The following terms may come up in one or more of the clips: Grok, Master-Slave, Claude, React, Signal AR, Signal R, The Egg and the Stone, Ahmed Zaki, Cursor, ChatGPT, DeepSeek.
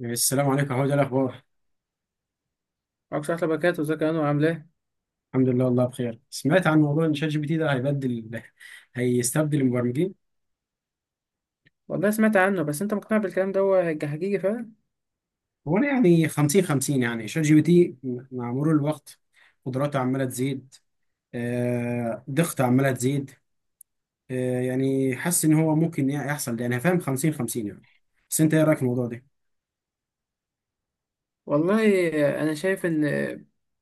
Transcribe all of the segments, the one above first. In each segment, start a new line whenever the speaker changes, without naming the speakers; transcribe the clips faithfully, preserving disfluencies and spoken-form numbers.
السلام عليكم، هو ده الاخبار.
معكش أحلى باكات وزكي أنو عاملاه إيه؟
الحمد لله، والله بخير. سمعت عن موضوع ان شات جي بي تي ده هيبدل هيستبدل المبرمجين.
والله سمعت عنه بس أنت مقتنع بالكلام ده هو هيج- حقيقي فعلا.
هو انا يعني خمسين خمسين، يعني شات جي بي تي مع مرور الوقت قدراته عماله تزيد، آه دقته عماله تزيد، آه يعني حاسس ان هو ممكن يحصل ده، يعني فاهم خمسين خمسين يعني. بس انت ايه رايك في الموضوع ده؟
والله أنا شايف إن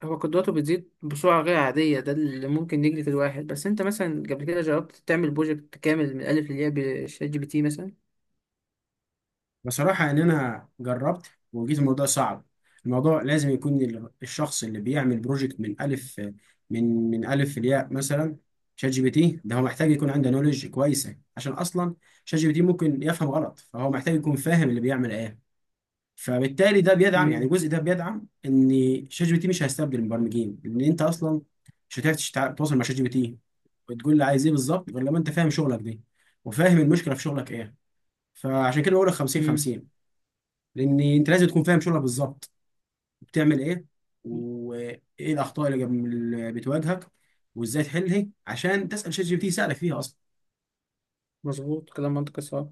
هو قدراته بتزيد بسرعة غير عادية، ده اللي ممكن يجري في الواحد. بس أنت مثلا قبل كده جربت تعمل بروجكت كامل من الألف للياء بشات جي بي تي مثلا؟
بصراحة إن أنا جربت وجيت الموضوع صعب. الموضوع لازم يكون ال- الشخص اللي بيعمل بروجكت من ألف، من من ألف لياء مثلا. شات جي بي تي ده هو محتاج يكون عنده نولج كويسة، عشان أصلا شات جي بي تي ممكن يفهم غلط، فهو محتاج يكون فاهم اللي بيعمل إيه. فبالتالي ده بيدعم، يعني
امم
الجزء ده بيدعم إن شات جي بي تي مش هيستبدل المبرمجين، لأن أنت أصلا مش هتعرف تشتع- تتواصل مع شات جي بي تي وتقول له عايز إيه بالظبط، غير لما أنت فاهم شغلك دي وفاهم المشكلة في شغلك إيه. فعشان كده بقول لك خمسين
امم
خمسين. لان انت لازم تكون فاهم شغلك بالظبط بتعمل ايه، وايه الاخطاء اللي جم- اللي بتواجهك، وازاي تحلها عشان تسال شات جي بي تي يساعدك فيها اصلا.
مظبوط، كلام منطقي صح.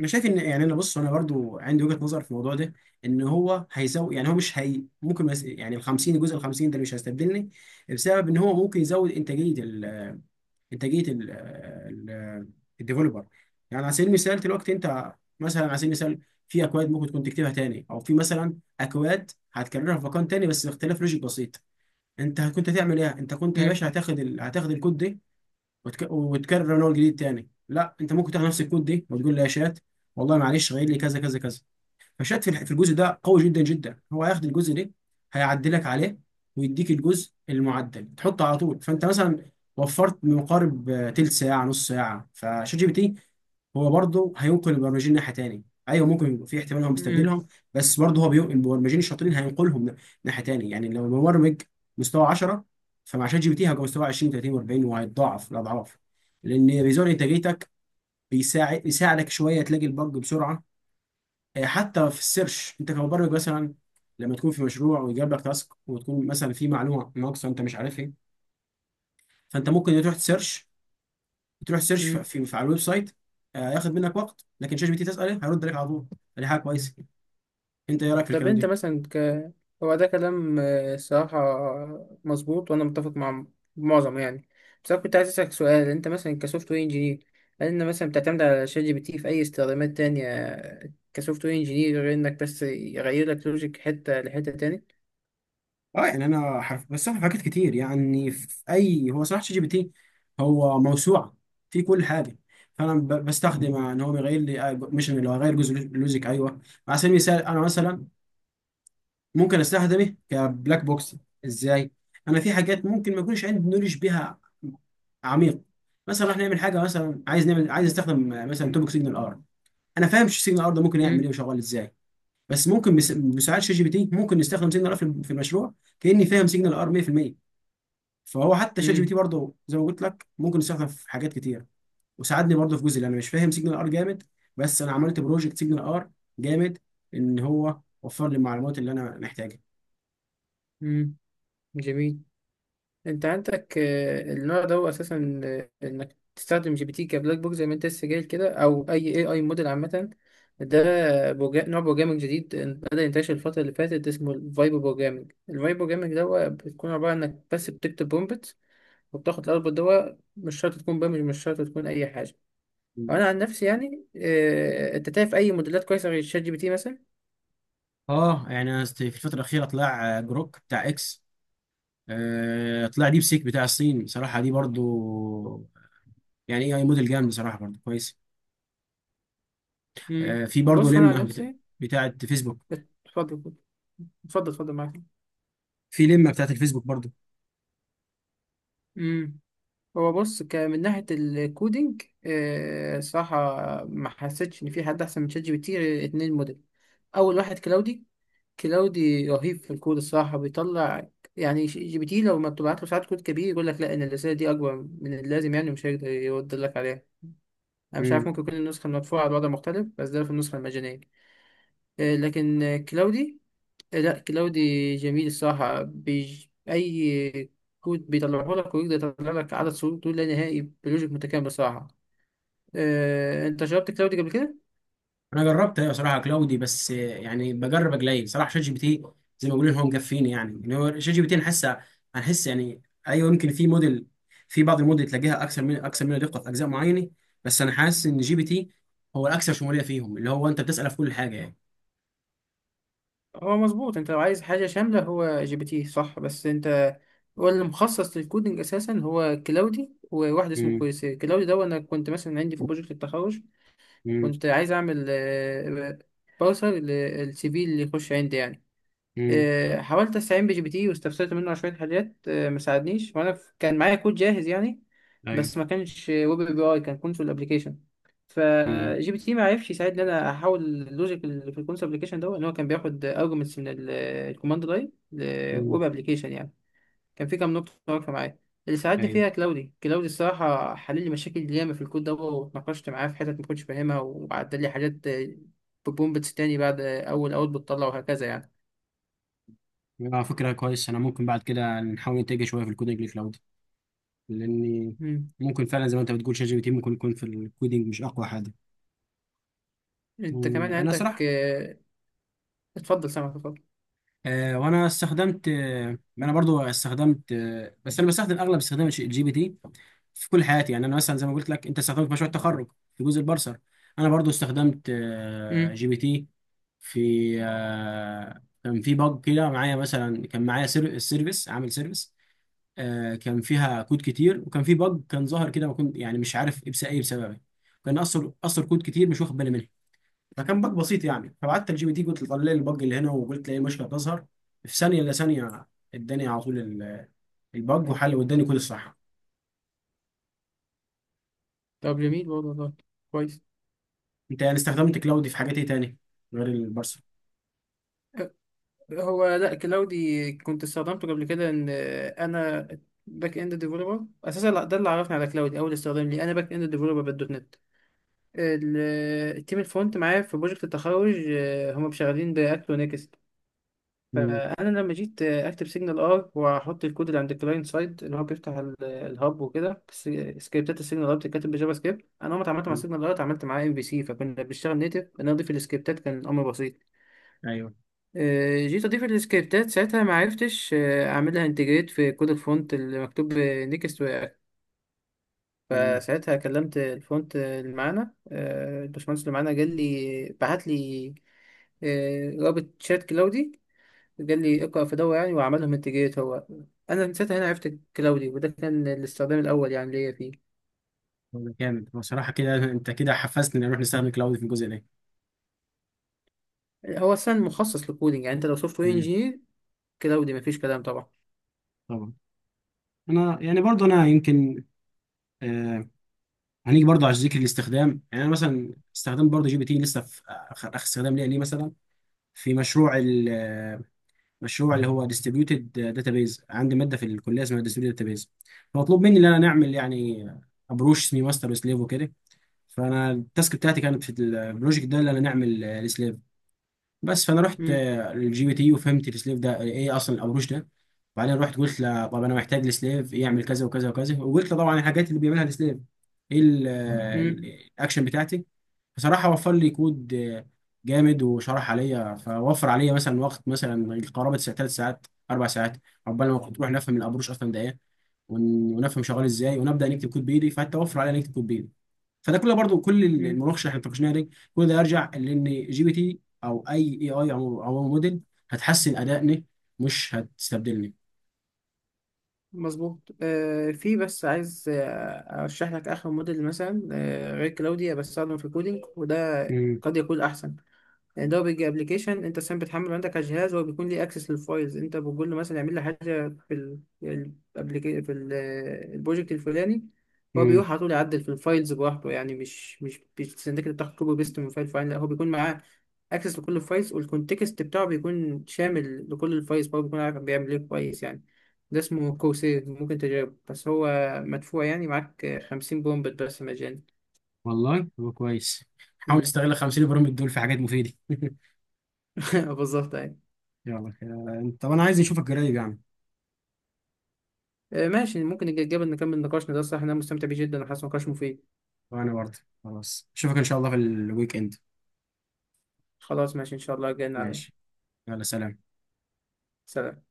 انا شايف ان، يعني انا بص، انا برضو عندي وجهه نظر في الموضوع ده ان هو هيزود، يعني هو مش هي ممكن، بس يعني ال خمسين، الجزء ال خمسين ده مش هيستبدلني بسبب ان هو ممكن يزود انتاجيه. انتاجيه ال ال الديفلوبر. يعني على سبيل المثال دلوقتي انت مثلا، على سبيل المثال، في اكواد ممكن تكون تكتبها تاني، او في مثلا اكواد هتكررها في مكان تاني بس باختلاف لوجيك بسيط. انت كنت هتعمل ايه؟ انت كنت يا باشا هتاخد ال... هتاخد الكود ده وتك... وتكرر من اول جديد تاني. لا، انت ممكن تاخد نفس الكود ده وتقول له يا شات، والله معلش غير لي كذا كذا كذا. فشات في الح- في الجزء ده قوي جدا جدا. هو هياخد الجزء ده هيعدلك عليه ويديك الجزء المعدل تحطه على طول. فانت مثلا وفرت ما يقارب آه، تلت ساعه نص ساعه. فشات جي بي تي هو برضه هينقل البرمجين ناحيه تاني. ايوه ممكن يبقى في احتمال هو مستبدلهم، بس برضه هو بينقل المبرمجين الشاطرين، هينقلهم ن- ناحيه تاني. يعني لو المبرمج مستوى عشرة، فمع شات جي بي تي هيبقى مستوى عشرين ثلاثين و40، وهيتضاعف الاضعاف لان بيزود انتاجيتك، بيساعد يساعدك شويه تلاقي البج بسرعه. آه، حتى في السيرش، انت كمبرمج مثلا لما تكون في مشروع ويجيب لك تاسك وتكون مثلا في معلومه ناقصه انت مش عارف ايه، فانت ممكن تروح تسيرش، تروح تسيرش في,
امم
في, في على الويب سايت. آه، ياخد منك وقت، لكن شات جي بي تي تساله هيرد عليك على طول. دي حاجه كويسه. انت ايه رايك في
طب
الكلام
انت
ده؟
مثلا ك... هو ده كلام، آه، الصراحة مظبوط، وانا متفق مع معظم، يعني. بس انا كنت عايز اسألك سؤال: انت مثلا كسوفت وير انجينير، هل انت مثلا بتعتمد على شات جي بي تي في اي استخدامات تانية كسوفت وير انجينير غير انك بس يغير لك لوجيك حتة لحتة تاني؟
اه يعني انا حرف، بس في حاجات كتير، يعني في اي، هو صراحه شات جي بي تي هو موسوعه في كل حاجه. فانا ب- بستخدم ان هو بيغير لي، آه، مش اللي هو غير جزء لوجيك، ايوه. على سبيل المثال انا مثلا ممكن استخدمه كبلاك بوكس. ازاي؟ انا في حاجات ممكن ما يكونش عندي نولج بيها عميق. مثلا راح نعمل حاجه، مثلا عايز نعمل، عايز استخدم آه، مثلا توبك سيجنال ار. انا فاهم سيجنال ار ده ممكن يعمل ايه
امم
وشغال ازاي. بس ممكن بس- بمساعده شات جي بي تي ممكن نستخدم سيجنال ار في في المشروع كاني فاهم سيجنال ار مية بالمية. فهو حتى شات جي بي تي
امم
برضه زي ما قلت لك ممكن يستخدم في حاجات كتير. وساعدني برضه في جزء اللي انا مش فاهم سيجنال ار جامد، بس انا عملت بروجكت سيجنال ار جامد. ان هو وفر لي المعلومات اللي انا محتاجها.
امم جميل. انت عندك، آه، النوع ده هو اساسا، آه، انك تستخدم جي بي تي كبلاك بوك زي ما انت لسه جاي كده، او اي اي اي موديل عامه. ده بوجا... نوع بروجرامنج جديد ان- بدأ ينتشر الفتره اللي فاتت، اسمه الفايبو بروجرامنج. الفايبو بروجرامنج ده هو بتكون عباره عن انك بس بتكتب برومبت، وبتاخد الاوتبوت ده، مش شرط تكون برامج، مش شرط تكون اي حاجه. وانا عن نفسي يعني، آه، انت تعرف اي موديلات كويسه غير شات جي بي تي مثلا؟
اه يعني أنا است- في الفترة الأخيرة طلع آه، جروك بتاع اكس، آه، طلع ديب سيك بتاع الصين بصراحة، دي برضو يعني اي اي موديل جامد بصراحة برضو كويس.
امم.
آه، في برضو
بص انا عن
لمة بت-
نفسي.
بتاعة فيسبوك.
اتفضل، اتفضل اتفضل.
في لمة بتاعة الفيسبوك برضو.
معاك. هو بص، ك- من ناحية الكودينج، آه، صراحة ما حسيتش إن في حد أحسن من شات جي بي تي غير اتنين موديل. أول واحد كلاودي. كلاودي رهيب في الكود، الصراحة بيطلع، يعني. ش- جي بي تي لو ما بتبعت له ساعات كود كبير يقول لك لا، إن الرسالة دي أكبر من اللازم يعني، ومش هيقدر يرد لك عليها. أنا مش عارف، ممكن يكون النسخة المدفوعة على الوضع مختلف، بس ده في النسخة المجانية. آه، لكن آه، كلاودي، لا كلاودي جميل الصراحة، بيج... أي كود بيطلعه لك، ويقدر يطلع لك عدد صور دول لا نهائي بلوجيك متكامل الصراحة. أه... أنت جربت كلاودي قبل كده؟
انا جربت ايوه صراحه كلاودي، بس يعني بجرب قليل صراحه. شات جي بي تي زي ما بيقولوا هو مكفيني، يعني ان هو شات جي بي تي نحس هنحس يعني. ايوه يمكن في موديل، في بعض الموديل تلاقيها اكثر من اكثر منها دقه في اجزاء معينه. بس انا حاسس ان جي بي تي هو الاكثر شموليه فيهم، اللي هو انت بتساله في كل حاجه يعني.
هو مظبوط، أنت لو عايز حاجة شاملة هو جي بي تي صح، بس أنت، هو اللي مخصص للكودينج أساسا هو كلاودي، وواحد اسمه
مم.
كويسير. كلاودي ده أنا كنت مثلا عندي في بروجكت التخرج،
مم.
كنت عايز أعمل أه... بارسر للسي في اللي يخش عندي يعني.
مم.
آه، حاولت استعين بجي بي تي واستفسرت منه على شويه حاجات، آه، ما ساعدنيش، وانا ف- كان معايا كود جاهز يعني،
ايوه.
بس ما كانش ويب اي بي اي، كان كونسول ابلكيشن.
مم.
فجي بي تي ما عرفش يساعدني ان انا احول اللوجيك اللي في الكونسول ابلكيشن ده، ان هو كان بياخد ارجمنتس من الكوماند لاين
مم.
لويب ابلكيشن يعني. كان في كام نقطه واقفه معايا، اللي ساعدني
ايوه.
فيها كلاودي. كلاودي الصراحه حل لي مشاكل ياما في الكود ده، واتناقشت معاه في حتت ما كنتش فاهمها، وعدل لي حاجات، بومبتس تاني بعد اول اوت بتطلع، وهكذا.
اه فكره كويس. انا ممكن بعد كده نحاول نتجه شويه في الكودينج لكلاود، لاني
يعني
ممكن فعلا زي ما انت بتقول شات جي بي تي ممكن يكون في الكودينج مش اقوى حاجه.
انت
مم،
كمان
انا
عندك،
صراحه،
آه، اتفضل سامعك اتفضل.
آه، وانا استخدمت، آه، انا برضو استخدمت، آه، بس انا بستخدم اغلب استخدام الجي بي تي في كل حياتي. يعني انا مثلا زي ما قلت لك انت استخدمت في مشروع التخرج في جزء البرسر. انا برضو استخدمت آه،
امم.
جي بي تي في، آه، كان في باج كده معايا مثلا، كان معايا سير- السيرفيس عامل سيرفيس. آه، كان فيها كود كتير وكان في باج كان ظاهر كده، ما كنت يعني مش عارف ايه بس- إيه بسببه. كان اثر اثر كود كتير مش واخد بالي منه، فكان باج بسيط يعني. فبعت الجي بي تي قلت له طلع لي الباج اللي هنا، وقلت له ايه مشكله تظهر. في ثانيه الا ثانيه اداني على طول ال- الباج وحل واداني كل الصح.
طب جميل برضه، والله كويس.
انت يعني استخدمت كلاودي في حاجات ايه تاني غير البارسل؟
هو لا، كلاودي كنت استخدمته قبل كده ان، آه، انا باك اند ديفلوبر اساسا. لا، ده اللي عرفني على كلاودي، اول استخدام لي انا باك اند ديفلوبر بالدوت نت. ال- آه، التيم الفرونت معايا في بروجكت التخرج، آه، هم شغالين باكت ونكست.
مم.
فانا لما جيت اكتب سيجنال ار، واحط الكود اللي عند الكلاينت سايد، اللي هو بيفتح ال- الهاب وكده بس. سكريبتات السيجنال ار بتتكتب بجافا سكريبت. انا اول ما اتعاملت مع
مم.
سيجنال ار اتعاملت معاه ام في سي، فكنا بنشتغل نيتف، ان أنا اضيف السكريبتات كان امر بسيط.
ايوه.
آه، جيت اضيف السكريبتات ساعتها ما عرفتش، آه، اعملها انتجريت في كود الفونت اللي مكتوب نيكست رياكت.
مم.
فساعتها كلمت الفونت اللي معانا، آه، الباشمهندس اللي معانا، قال لي، بعت لي، آه، رابط شات كلاودي، قال لي اقرأ في دورة يعني، وعملهم انتجريت هو. انا من ساعتها هنا عرفت كلاودي، وده كان الاستخدام الاول يعني ليا فيه.
هو جامد بصراحه كده، انت كده حفزتني نروح نستخدم كلاودي في الجزء ده.
هو اصلا مخصص للكودينج، يعني انت لو سوفت وير
مم.
انجينير كلاودي مفيش كلام طبعا.
طبعا. انا يعني برضو، انا يمكن، آه هنيجي برضو على ذكر الاستخدام. يعني انا مثلا استخدام برضو جي بي تي لسه في اخر آخر استخدام ليا ليه مثلا، في مشروع، مشروع اللي هو ديستريبيوتد داتابيز. عندي ماده في الكليه اسمها ديستريبيوتد داتابيز، فمطلوب مني ان انا نعمل يعني ابروش اسمه ماستر وسليف وكده. فانا التاسك بتاعتي كانت في البروجكت ده اللي انا نعمل السليف بس. فانا رحت
امم
للجي بي تي وفهمت السليف ده ايه اصلا، الابروش ده. وبعدين رحت قلت له طب انا محتاج السليف يعمل كذا وكذا وكذا، وقلت له طبعا الحاجات اللي بيعملها السليف ايه
امم
الاكشن بتاعتي. بصراحة وفر لي كود آه، جامد وشرح عليا. فوفر عليا مثلا وقت مثلا قرابة ثلاث ساعات أربع ساعات عقبال ما كنت أروح نفهم القبروش أصلا ده إيه، ون- ونفهم شغال إزاي ونبدأ نكتب كود بإيدي. فحتى وفر عليا نكتب كود بإيدي. فده كله برضو كل
امم
المناقشة اللي احنا اتناقشناها دي، كل ده يرجع لأن جي بي تي أو أي إي أي أو أو موديل هتحسن أدائني مش هتستبدلني.
مظبوط. آه، في بس عايز، آه، ارشح لك اخر موديل مثلا، آه غير كلاودي، بستخدمه في الكودينج، وده
امم.
قد يكون احسن. يعني ده بيجي ابلكيشن انت سام بتحمله عندك على الجهاز، هو بيكون ليه اكسس للفايلز، انت بتقول له مثلا اعمل لي حاجه في ال الابليكي في ال- البروجكت الفلاني، هو
امم.
بيروح على طول يعدل في الفايلز براحته يعني. مش مش بيستناك انت تاخد كوبي بيست من فايل فايل، لا هو بيكون معاه اكسس لكل الفايلز، والكونتكست بتاعه بيكون شامل لكل الفايلز، فهو بيكون عارف بيعمل ايه كويس يعني. ده اسمه كورسير، ممكن تجربه، بس هو مدفوع يعني، معاك خمسين بومبت بس مجاني.
والله هو كويس. حاول
مم.
تستغل خمسين برامج دول في حاجات مفيدة
بالظبط أيوة.
يلا آه، طب أنا عايز أشوفك قريب يعني.
آه، ماشي، ممكن نتجنب نكمل نقاشنا ده، الصراحة أنا مستمتع بيه جدا وحاسس نقاش مفيد.
وانا برضه. خلاص اشوفك ان شاء الله في الويك اند.
خلاص ماشي إن شاء الله، جايين على.
ماشي. يلا سلام.
سلام.